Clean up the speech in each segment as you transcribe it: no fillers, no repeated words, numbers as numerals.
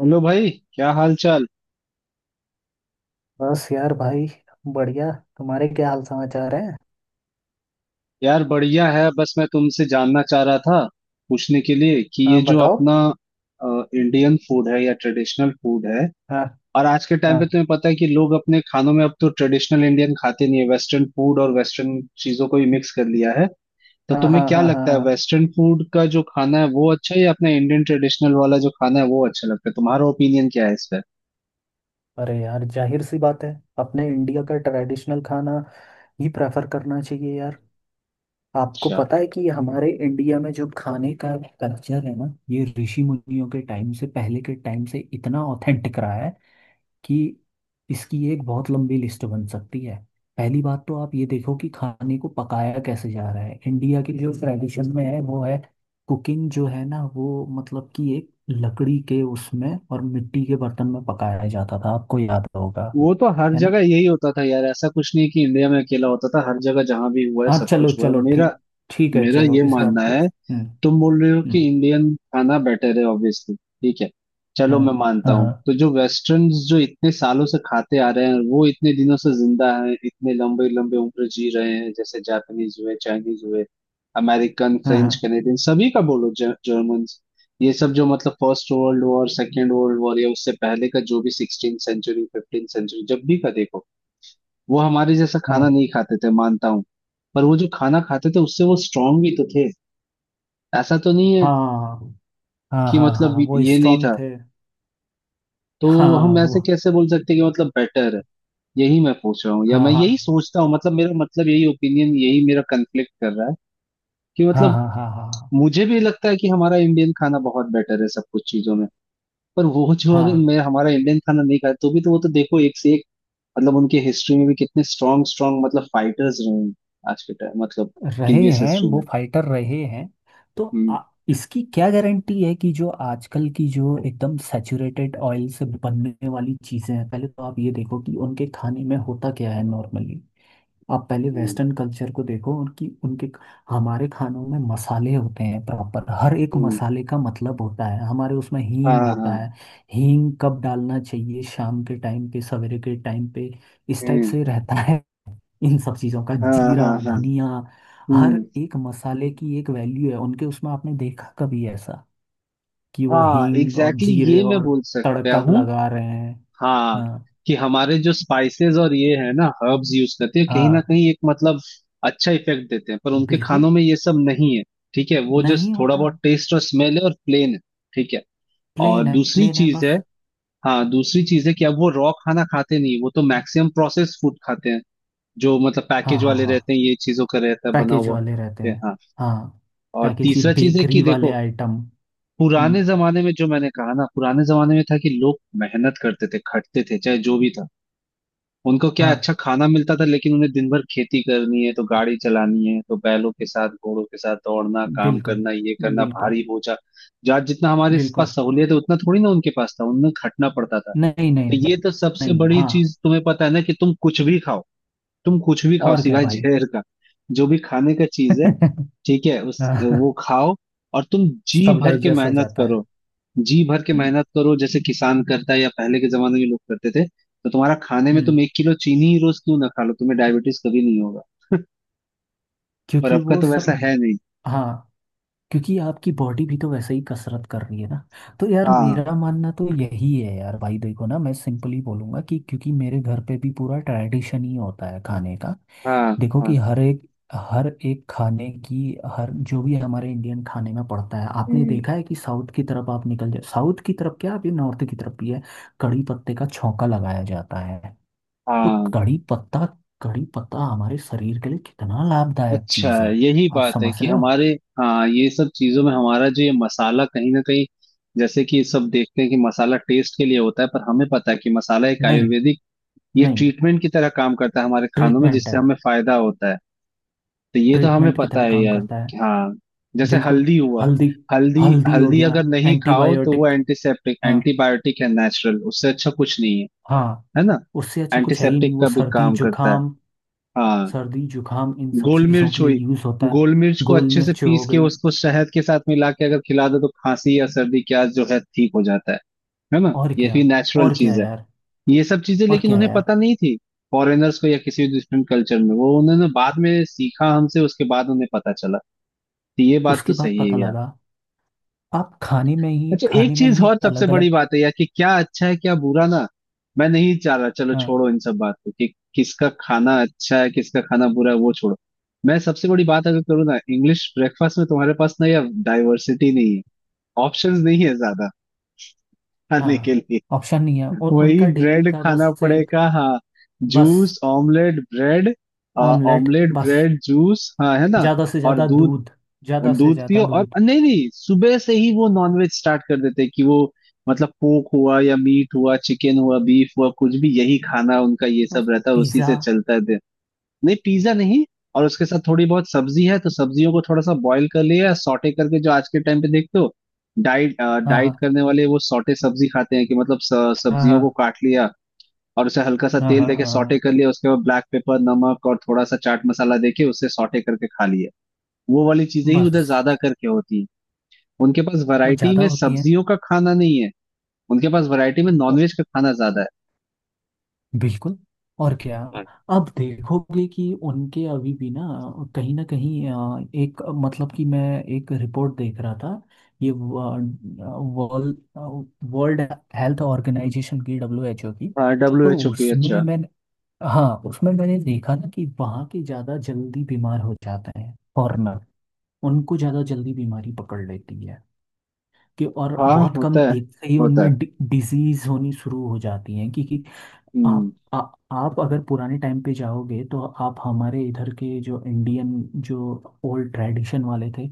Hello भाई, क्या हाल चाल। बस यार भाई, बढ़िया। तुम्हारे क्या हाल समाचार है? यार, बढ़िया है। बस मैं तुमसे जानना चाह रहा था पूछने के लिए कि ये हाँ, जो बताओ। अपना इंडियन फूड है या ट्रेडिशनल फूड है। हाँ और आज के टाइम हाँ पे तुम्हें पता है कि लोग अपने खानों में अब तो ट्रेडिशनल इंडियन खाते नहीं है, वेस्टर्न फूड और वेस्टर्न चीजों को ही मिक्स कर लिया है। तो हाँ तुम्हें हाँ क्या हाँ हाँ लगता है, हाँ। वेस्टर्न फूड का जो खाना है वो अच्छा है या अपना इंडियन ट्रेडिशनल वाला जो खाना है वो अच्छा लगता है? तुम्हारा ओपिनियन क्या है इस पर? अरे यार, जाहिर सी बात है, अपने इंडिया का ट्रेडिशनल खाना ही प्रेफर करना चाहिए यार। आपको अच्छा। पता है कि ये हमारे इंडिया में जो खाने का कल्चर है ना, ये ऋषि मुनियों के टाइम से, पहले के टाइम से इतना ऑथेंटिक रहा है कि इसकी एक बहुत लंबी लिस्ट बन सकती है। पहली बात तो आप ये देखो कि खाने को पकाया कैसे जा रहा है। इंडिया की जो ट्रेडिशन में है वो है कुकिंग, जो है ना, वो मतलब कि एक लकड़ी के उसमें और मिट्टी के बर्तन में पकाया जाता था, आपको याद होगा। वो तो हर है ना? जगह यही होता था यार, ऐसा कुछ नहीं कि इंडिया में अकेला होता था, हर जगह जहां भी हुआ है हाँ, सब चलो कुछ हुआ है। चलो मेरा ठीक। ठीक है, मेरा चलो ये इस बात मानना को। है। हम्म। तुम बोल रहे हो कि हम्म। इंडियन खाना बेटर है, ऑब्वियसली ठीक है, चलो हाँ मैं मानता हाँ हूँ। हाँ तो जो वेस्टर्न जो इतने सालों से खाते आ रहे हैं वो इतने दिनों से जिंदा हैं, इतने लंबे लंबे उम्र जी रहे हैं, जैसे जापानीज हुए, चाइनीज हुए, अमेरिकन, फ्रेंच, हाँ कनेडियन, सभी का बोलो, जर्मन, ये सब जो मतलब first world war second world war या उससे पहले का जो भी 16 सेंचुरी 15 सेंचुरी जब भी का देखो, वो हमारे जैसा खाना हाँ नहीं खाते थे, मानता हूँ। पर वो जो खाना खाते थे उससे वो स्ट्रांग भी तो थे, ऐसा तो नहीं है हाँ हाँ कि हाँ हाँ मतलब हाँ, वो ये नहीं स्ट्रांग था। थे। तो हाँ, हम ऐसे वो कैसे बोल सकते कि मतलब बेटर है? यही मैं पूछ रहा हूँ, या हाँ मैं हाँ यही सोचता हूँ, मतलब मेरा मतलब यही ओपिनियन यही मेरा कन्फ्लिक्ट कर रहा है कि हाँ मतलब हाँ हाँ हाँ मुझे भी लगता है कि हमारा इंडियन खाना बहुत बेटर है सब कुछ चीजों में। पर वो जो अगर हाँ मैं हमारा इंडियन खाना नहीं खाए तो भी तो वो तो देखो एक से एक, मतलब उनके हिस्ट्री में भी कितने स्ट्रांग स्ट्रांग मतलब फाइटर्स रहे हैं, आज के टाइम मतलब रहे प्रीवियस हैं, हिस्ट्री वो में। फाइटर रहे हैं। तो हम्म, इसकी क्या गारंटी है कि जो आजकल की, जो एकदम सैचुरेटेड ऑयल से बनने वाली चीज़ें हैं। पहले तो आप ये देखो कि उनके खाने में होता क्या है नॉर्मली। आप पहले हम्म, वेस्टर्न कल्चर को देखो, उनकी उनके हमारे खानों में मसाले होते हैं प्रॉपर। हर एक हम्म, मसाले का मतलब होता है, हमारे उसमें हाँ हींग होता है। हाँ, हींग कब डालना चाहिए? शाम के टाइम पे, सवेरे के टाइम पे, इस टाइप हम्म, से रहता है। इन सब चीज़ों का हाँ हाँ जीरा, हाँ, धनिया। हर हम्म, एक मसाले की एक वैल्यू है उनके उसमें। आपने देखा कभी ऐसा कि वो हाँ हींग और एग्जैक्टली। exactly, जीरे ये मैं और बोल सकता तड़का हूँ। लगा रहे हैं? हाँ, हाँ कि हमारे जो स्पाइसेस और ये है ना हर्ब्स यूज करते हैं कहीं ना हाँ। कहीं एक मतलब अच्छा इफेक्ट देते हैं, पर उनके बिल्कुल, खानों में ये सब नहीं है। ठीक है, वो जस्ट नहीं थोड़ा होता। बहुत टेस्ट और स्मेल है और प्लेन है। ठीक है। और प्लेन है, दूसरी प्लेन है चीज है, बस। हाँ दूसरी चीज है कि अब वो रॉ खाना खाते नहीं, वो तो मैक्सिमम प्रोसेस फूड खाते हैं जो मतलब हाँ पैकेज हाँ वाले हाँ, रहते हैं, ये चीजों का रहता है बना पैकेज हुआ, वाले रहते ठीक है हैं। हाँ। हाँ, और पैकेज ही, तीसरा चीज है कि बेकरी वाले देखो, आइटम। पुराने हम्म। जमाने में जो मैंने कहा ना, पुराने जमाने में था कि लोग मेहनत करते थे खटते थे, चाहे जो भी था उनको क्या अच्छा हाँ, खाना मिलता था, लेकिन उन्हें दिन भर खेती करनी है, तो गाड़ी चलानी है, तो बैलों के साथ घोड़ों के साथ दौड़ना, काम बिल्कुल। करना, ये करना, बिल्कुल। भारी बोझा। जहाँ जितना हमारे बिल्कुल। पास सहूलियत है उतना थोड़ी ना उनके पास था, उन्हें खटना पड़ता था। नहीं नहीं तो नहीं। ये तो सबसे नहीं, बड़ी हाँ। चीज तुम्हें पता है ना कि तुम कुछ भी खाओ, तुम कुछ भी खाओ और क्या सिवाय भाई। जहर का, जो भी खाने का चीज है ठीक है, उस हाँ, वो खाओ और तुम जी सब भर के डाइजेस्ट हो मेहनत जाता है। करो, जी भर के हम्म। मेहनत करो, जैसे किसान करता है या पहले के जमाने में लोग करते थे, तो तुम्हारा खाने में तुम हम्म। 1 किलो चीनी ही रोज क्यों ना खा लो, तुम्हें डायबिटीज कभी नहीं होगा। पर क्योंकि अब का वो तो सब, वैसा है नहीं। हाँ, क्योंकि आपकी बॉडी भी तो वैसे ही कसरत कर रही है ना। तो यार, हाँ मेरा मानना तो यही है यार भाई। देखो ना, मैं सिंपली बोलूंगा कि क्योंकि मेरे घर पे भी पूरा ट्रेडिशन ही होता है खाने का। हाँ देखो कि हाँ, हर एक, हर एक खाने की, हर जो भी हमारे इंडियन खाने में पड़ता है। आपने हम्म, देखा है कि साउथ की तरफ आप निकल जाए, साउथ की तरफ क्या, अभी नॉर्थ की तरफ भी है, कड़ी पत्ते का छौंका लगाया जाता है। तो हाँ, कड़ी पत्ता, कड़ी पत्ता हमारे शरीर के लिए कितना लाभदायक अच्छा, चीज है। यही आप बात है समझ कि रहे हो? हमारे, हाँ ये सब चीजों में हमारा जो ये मसाला कहीं ना कहीं, जैसे कि सब देखते हैं कि मसाला टेस्ट के लिए होता है, पर हमें पता है कि मसाला एक नहीं, आयुर्वेदिक ये नहीं, ट्रीटमेंट की तरह काम करता है हमारे खानों में, ट्रीटमेंट जिससे है। हमें फायदा होता है। तो ये तो हमें ट्रीटमेंट की पता तरह है काम यार करता है। कि हाँ, जैसे बिल्कुल। हल्दी हुआ, हल्दी। हल्दी। हल्दी हो हल्दी गया। अगर नहीं खाओ तो वो एंटीबायोटिक। एंटीसेप्टिक हाँ एंटीबायोटिक है, नेचुरल, उससे अच्छा कुछ नहीं है, हाँ। है ना? उससे अच्छा कुछ है ही नहीं, एंटीसेप्टिक वो का भी सर्दी काम करता है। जुकाम, हाँ, सर्दी जुकाम, इन सब गोल चीजों मिर्च के लिए हुई। यूज होता गोल मिर्च है। को गोल अच्छे से मिर्च पीस हो के गई। उसको शहद के साथ मिला के अगर खिला दो तो खांसी या सर्दी क्या जो है ठीक हो जाता है ना? और ये क्या। भी नेचुरल और क्या चीज है। यार। ये सब चीजें और लेकिन क्या उन्हें यार। पता नहीं थी, फॉरेनर्स को या किसी डिफरेंट कल्चर में, वो उन्होंने बाद में सीखा हमसे, उसके बाद उन्हें पता चला। तो ये बात उसके तो बाद सही पता है यार। लगा। आप खाने में ही, अच्छा, एक खाने में चीज ही और सबसे अलग बड़ी अलग। बात है यार कि क्या अच्छा है क्या बुरा ना, मैं नहीं चाह रहा, चलो छोड़ो इन सब बात को कि किसका खाना अच्छा है किसका खाना बुरा है, वो छोड़ो। मैं सबसे बड़ी बात अगर करूँ ना, इंग्लिश ब्रेकफास्ट में तुम्हारे पास ना यार डाइवर्सिटी नहीं है, ऑप्शंस नहीं है ज्यादा खाने के हाँ, लिए। ऑप्शन नहीं है, और वही उनका डेली ब्रेड का खाना बस एक। पड़ेगा, हाँ। बस juice, omelette, bread, omelette omelette, बस। ब्रेड, जूस, हाँ है ना? ज़्यादा से और ज़्यादा दूध, दूध। ज़्यादा से दूध ज़्यादा पियो और दूध। नहीं नहीं, सुबह से ही वो नॉनवेज स्टार्ट कर देते हैं कि वो मतलब पोक हुआ या मीट हुआ, चिकन हुआ, बीफ हुआ, कुछ भी, यही खाना उनका ये सब बस रहता है और उसी पिज़्ज़ा। से चलता है दिन। नहीं, पिज्जा नहीं। और उसके साथ थोड़ी बहुत सब्जी है तो सब्जियों को थोड़ा सा बॉईल कर लिया, सॉटे करके, जो आज के टाइम पे देखते हो डाइट, हाँ हाँ डाइट करने वाले वो सॉटे सब्जी खाते हैं कि मतलब हाँ सब्जियों को हाँ काट लिया और उसे हल्का सा हाँ तेल हाँ देके हाँ, सॉटे हाँ, कर लिया, उसके बाद ब्लैक पेपर, नमक और थोड़ा सा चाट मसाला देके उसे सॉटे करके खा लिया। वो वाली चीजें ही उधर बस। ज्यादा करके होती है। उनके पास वो वैरायटी ज़्यादा में होती है। सब्जियों का खाना नहीं है, उनके पास वैरायटी में ओ, नॉनवेज का खाना ज्यादा बिल्कुल। और क्या। है। अब देखोगे कि उनके अभी भी ना, कहीं ना कहीं एक मतलब कि मैं एक रिपोर्ट देख रहा था। ये वर्ल्ड वर्ल्ड हेल्थ ऑर्गेनाइजेशन की, डब्ल्यू एच ओ की। हाँ, डब्ल्यू तो एच ओ की, उसमें अच्छा। मैंने, हाँ, उसमें मैंने देखा ना कि वहाँ के ज़्यादा जल्दी बीमार हो जाते हैं फॉरेनर। उनको ज़्यादा जल्दी बीमारी पकड़ लेती है कि, और हाँ, बहुत होता कम है, एज से ही होता है। उनमें डिजीज होनी शुरू हो जाती है कि हम्म, आप आप अगर पुराने टाइम पे जाओगे तो आप हमारे इधर के जो इंडियन, जो ओल्ड ट्रेडिशन वाले थे,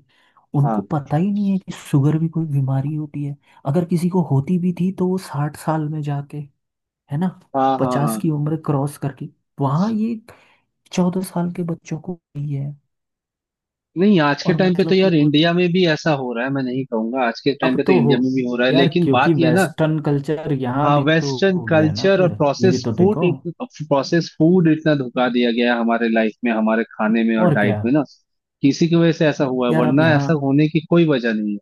उनको हाँ पता ही नहीं है कि शुगर भी कोई बीमारी होती है। अगर किसी को होती भी थी तो वो 60 साल में जाके, है ना, हाँ हाँ पचास हाँ। की उम्र क्रॉस करके। वहाँ ये 14 साल के बच्चों को वही है। नहीं, आज के और टाइम पे तो मतलब कि यार कोई, इंडिया में भी ऐसा हो रहा है, मैं नहीं कहूंगा, आज के टाइम अब पे तो तो हो इंडिया में भी हो रहा है, यार, लेकिन क्योंकि बात यह है ना, वेस्टर्न कल्चर यहाँ हाँ भी तो वेस्टर्न हो गया ना कल्चर फिर। और ये प्रोसेस भी तो फूड, देखो। प्रोसेस फूड इतना धुका दिया गया है हमारे लाइफ में, हमारे खाने में और और डाइट क्या में ना, किसी की वजह से ऐसा हुआ है, यार। आप वरना यहाँ, ऐसा होने की कोई वजह नहीं है।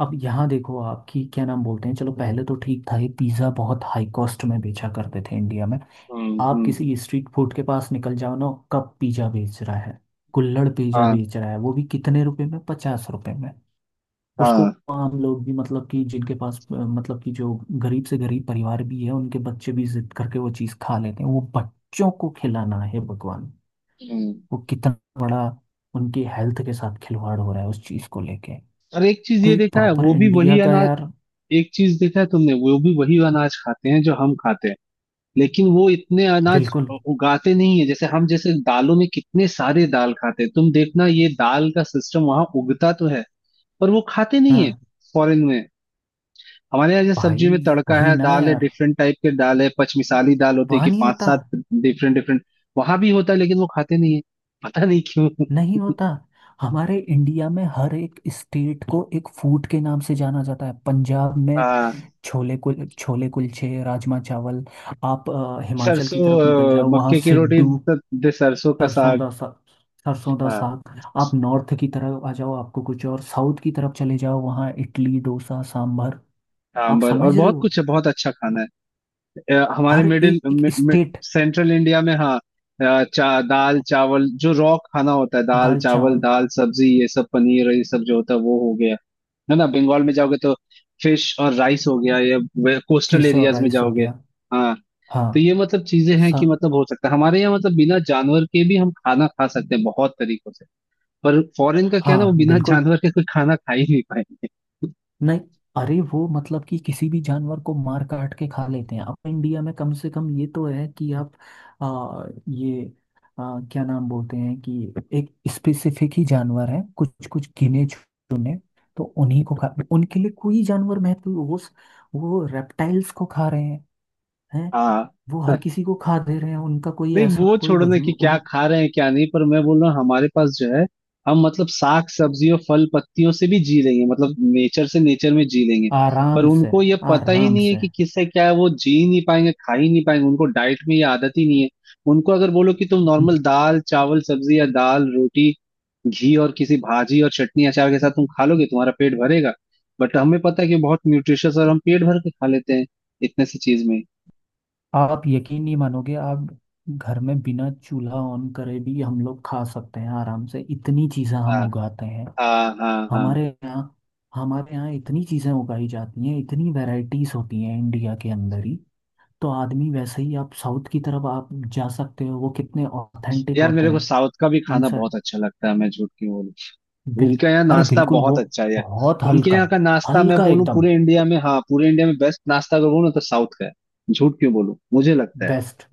अब यहाँ देखो आपकी, क्या नाम बोलते हैं, चलो पहले तो ठीक था, ये पिज़्ज़ा बहुत हाई कॉस्ट में बेचा करते थे इंडिया में। हम्म, आप हम्म, किसी स्ट्रीट फूड के पास निकल जाओ ना, कब पिज़्ज़ा बेच रहा है, कुल्हड़ पिज़्ज़ा हाँ बेच रहा है वो भी कितने रुपए में, 50 रुपए में। उसको हाँ, हम लोग भी, मतलब कि जिनके पास मतलब कि जो गरीब से गरीब परिवार भी है, उनके बच्चे भी जिद करके वो चीज़ खा लेते हैं। वो बच्चों को खिलाना है, भगवान, हम्म, वो कितना बड़ा उनकी हेल्थ के साथ खिलवाड़ हो रहा है उस चीज़ को लेके। और एक चीज तो ये एक देखा है प्रॉपर वो भी इंडिया वही का अनाज, यार। एक चीज देखा है तुमने वो भी वही अनाज खाते हैं जो हम खाते हैं, लेकिन वो इतने अनाज बिल्कुल। उगाते नहीं है जैसे हम, जैसे दालों में कितने सारे दाल खाते हैं, तुम देखना ये दाल का सिस्टम वहां उगता तो है पर वो खाते नहीं है हाँ फॉरेन में। हमारे यहाँ जैसे भाई। सब्जी में तड़का वही है, ना दाल है, यार। डिफरेंट टाइप के दाल है, पचमिसाली दाल होती है वहाँ कि नहीं पांच होता। सात डिफरेंट डिफरेंट, वहां भी होता है लेकिन वो खाते नहीं है, पता नहीं क्यों। नहीं होता। हमारे इंडिया में हर एक स्टेट को एक फूड के नाम से जाना जाता है। पंजाब में हाँ, छोले, कुल छोले कुलचे, राजमा चावल। आप हिमाचल की सरसों, तरफ निकल जाओ, वहाँ मक्के की रोटी सिड्डू। दे सरसों का सरसों साग, दा सा सरसों दा हाँ साग। आप नॉर्थ की तरफ आ जाओ, आपको कुछ और, साउथ की तरफ चले जाओ वहाँ इडली डोसा सांभर। आप सांबर और समझ रहे बहुत हो? कुछ है, बहुत अच्छा खाना है। हमारे हर मिडिल एक मि, मि, स्टेट। सेंट्रल इंडिया में हाँ, दाल चावल जो रॉ खाना होता है, दाल दाल चावल, चावल। दाल सब्जी ये सब, पनीर और ये सब जो होता है वो हो गया, है ना? बंगाल में जाओगे तो फिश और राइस हो गया, या कोस्टल फिश और एरियाज में राइस हो जाओगे, गया। हाँ। तो हाँ। ये मतलब चीजें हैं स- कि मतलब हो सकता है हमारे यहाँ मतलब बिना जानवर के भी हम खाना खा सकते हैं बहुत तरीकों से, पर फॉरेन का क्या है ना, वो हाँ, बिना बिल्कुल। जानवर के कोई खाना खा ही नहीं पाएंगे। नहीं। अरे वो मतलब कि किसी भी जानवर को मार काट के खा लेते हैं। अपने इंडिया में कम से कम ये तो है कि आप ये क्या नाम बोलते हैं, कि एक स्पेसिफिक ही जानवर है, कुछ कुछ गिने चुने, तो उन्हीं को खा। उनके लिए कोई जानवर महत्व, वो रेप्टाइल्स को खा रहे हैं। हैं। हाँ। वो हर किसी को खा दे रहे हैं, उनका कोई नहीं, ऐसा, वो कोई छोड़ो ना कि वजूद क्या उन। खा रहे हैं क्या नहीं, पर मैं बोल रहा हूँ हमारे पास जो है, हम मतलब साग सब्जी और फल पत्तियों से भी जी लेंगे, मतलब नेचर से नेचर में जी लेंगे। पर आराम से। उनको ये पता ही आराम नहीं है से। कि किससे क्या है, वो जी ही नहीं पाएंगे, खा ही नहीं पाएंगे, उनको डाइट में ये आदत ही नहीं है। उनको अगर बोलो कि तुम नॉर्मल दाल चावल सब्जी या दाल रोटी, घी और किसी भाजी और चटनी अचार के साथ तुम खा लोगे, तुम्हारा पेट भरेगा। बट हमें पता है कि बहुत न्यूट्रिशियस और हम पेट भर के खा लेते हैं इतने सी चीज में। आप यकीन नहीं मानोगे। आप घर में बिना चूल्हा ऑन करे भी हम लोग खा सकते हैं आराम से, इतनी चीज़ें हम हाँ उगाते हैं हाँ हाँ हाँ। हमारे यहाँ। हमारे यहाँ इतनी चीज़ें उगाई जाती हैं, इतनी वैरायटीज होती हैं इंडिया के अंदर ही। तो आदमी वैसे ही, आप साउथ की तरफ आप जा सकते हो, वो कितने ऑथेंटिक यार होते मेरे को हैं साउथ का भी खाना इनसे। बहुत अच्छा लगता है, मैं झूठ क्यों बोलूं? बिल उनके यहाँ अरे नाश्ता बिल्कुल, बहुत वो अच्छा है यार। बहुत उनके हल्का। यहाँ का नाश्ता मैं हल्का बोलूँ एकदम। पूरे इंडिया में, हाँ पूरे इंडिया में बेस्ट नाश्ता अगर बोलूँ तो साउथ का है, झूठ क्यों बोलूं, मुझे लगता है। बेस्ट।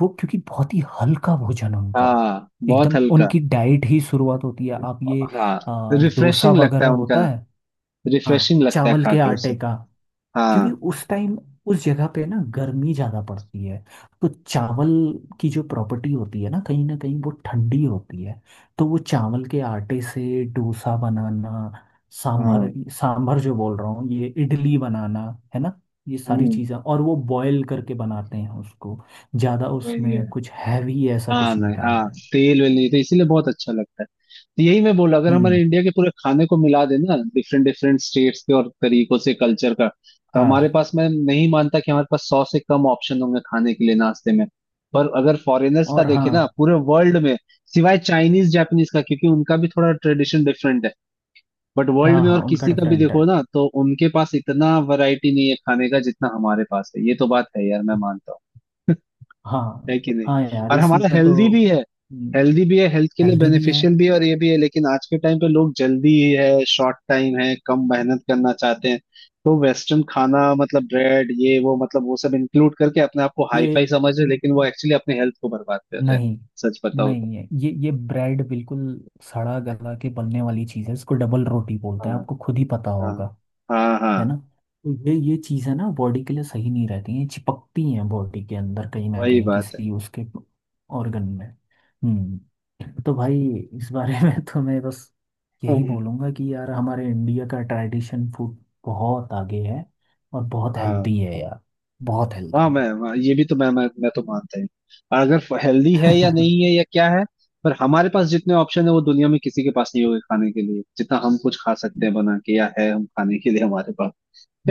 वो क्योंकि बहुत ही हल्का भोजन उनका हाँ, बहुत एकदम, हल्का। उनकी डाइट ही शुरुआत होती है आप ये हाँ, डोसा रिफ्रेशिंग लगता वगैरह है उनका, होता है। हाँ, रिफ्रेशिंग लगता है चावल खा के के आटे उसे। का। क्योंकि हाँ उस टाइम, उस जगह पे ना गर्मी ज्यादा पड़ती है, तो चावल की जो प्रॉपर्टी होती है ना, कहीं ना कहीं वो ठंडी होती है। तो वो चावल के आटे से डोसा बनाना, सांभर। हाँ, सांभर जो बोल रहा हूँ, ये इडली बनाना, है ना, ये सारी हम्म, चीज़ें, और वो बॉयल करके बनाते हैं उसको। ज्यादा वही है। उसमें कुछ हैवी ऐसा हाँ कुछ नहीं नहीं हाँ, डालते। तेल वेल नहीं, तो इसीलिए बहुत अच्छा लगता है। तो यही मैं बोला, अगर हमारे हम्म। इंडिया के पूरे खाने को मिला देना डिफरेंट डिफरेंट स्टेट्स के और तरीकों से कल्चर का, तो हमारे हाँ। पास, मैं नहीं मानता कि हमारे पास 100 से कम ऑप्शन होंगे खाने के लिए नाश्ते में। पर अगर फॉरेनर्स का और देखे ना हाँ पूरे वर्ल्ड में, सिवाय चाइनीज जापानीज का क्योंकि उनका भी थोड़ा ट्रेडिशन डिफरेंट है, बट वर्ल्ड हाँ में और हाँ, उनका किसी का भी डिफरेंट देखो है। ना तो उनके पास इतना वैरायटी नहीं है खाने का जितना हमारे पास है, ये तो बात है यार, मैं मानता हूँ, हाँ। है कि नहीं? हाँ यार, और हमारा इसमें हेल्दी तो भी, हेल्दी भी है, हेल्थ के लिए हेल्दी भी है। बेनिफिशियल भी है और ये भी है, लेकिन आज के टाइम पे लोग जल्दी है, शॉर्ट टाइम है, कम मेहनत करना चाहते हैं, तो वेस्टर्न खाना मतलब ब्रेड ये वो मतलब वो सब इंक्लूड करके अपने आप को हाई ये फाई समझ रहे हैं, लेकिन वो एक्चुअली अपने हेल्थ को बर्बाद कर रहे हैं, नहीं, सच बताओ तो। नहीं है, ये ब्रेड बिल्कुल सड़ा गला के बनने वाली चीज़ है, इसको डबल रोटी बोलते हाँ हैं, आपको खुद ही पता हाँ होगा। हाँ है हाँ, ना? तो ये चीज़ है ना, बॉडी के लिए सही नहीं रहती है, चिपकती हैं बॉडी के अंदर कहीं ना वही कहीं बात है, किसी उसके ऑर्गन में। तो भाई, इस बारे में तो मैं बस यही बोलूँगा कि यार, हमारे इंडिया का ट्रेडिशन फूड बहुत आगे है और बहुत हाँ। हेल्दी है यार। बहुत वाह, हेल्दी मैं वाह, ये भी तो मैं तो मानता हूँ, अगर हेल्दी है या है। नहीं है या क्या है, पर हमारे पास जितने ऑप्शन है वो दुनिया में किसी के पास नहीं होंगे खाने के लिए, जितना हम कुछ खा सकते हैं बना के या है हम खाने के लिए हमारे पास,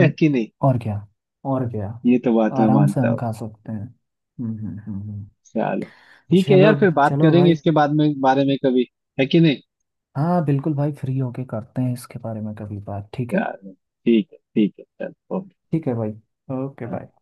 है कि नहीं? और क्या। और क्या। ये तो बात मैं आराम से मानता हम हूँ। खा सकते हैं। हम्म हम्म हम्म, हम्म। चलो, ठीक है चलो। यार, फिर बात चलो करेंगे भाई। इसके बाद में बारे में कभी, है कि नहीं? हाँ बिल्कुल भाई, फ्री होके करते हैं इसके बारे में कभी बात, ठीक है। चलो, ठीक है ठीक है, चलो ओके। ठीक है भाई। Okay bye. हाँ।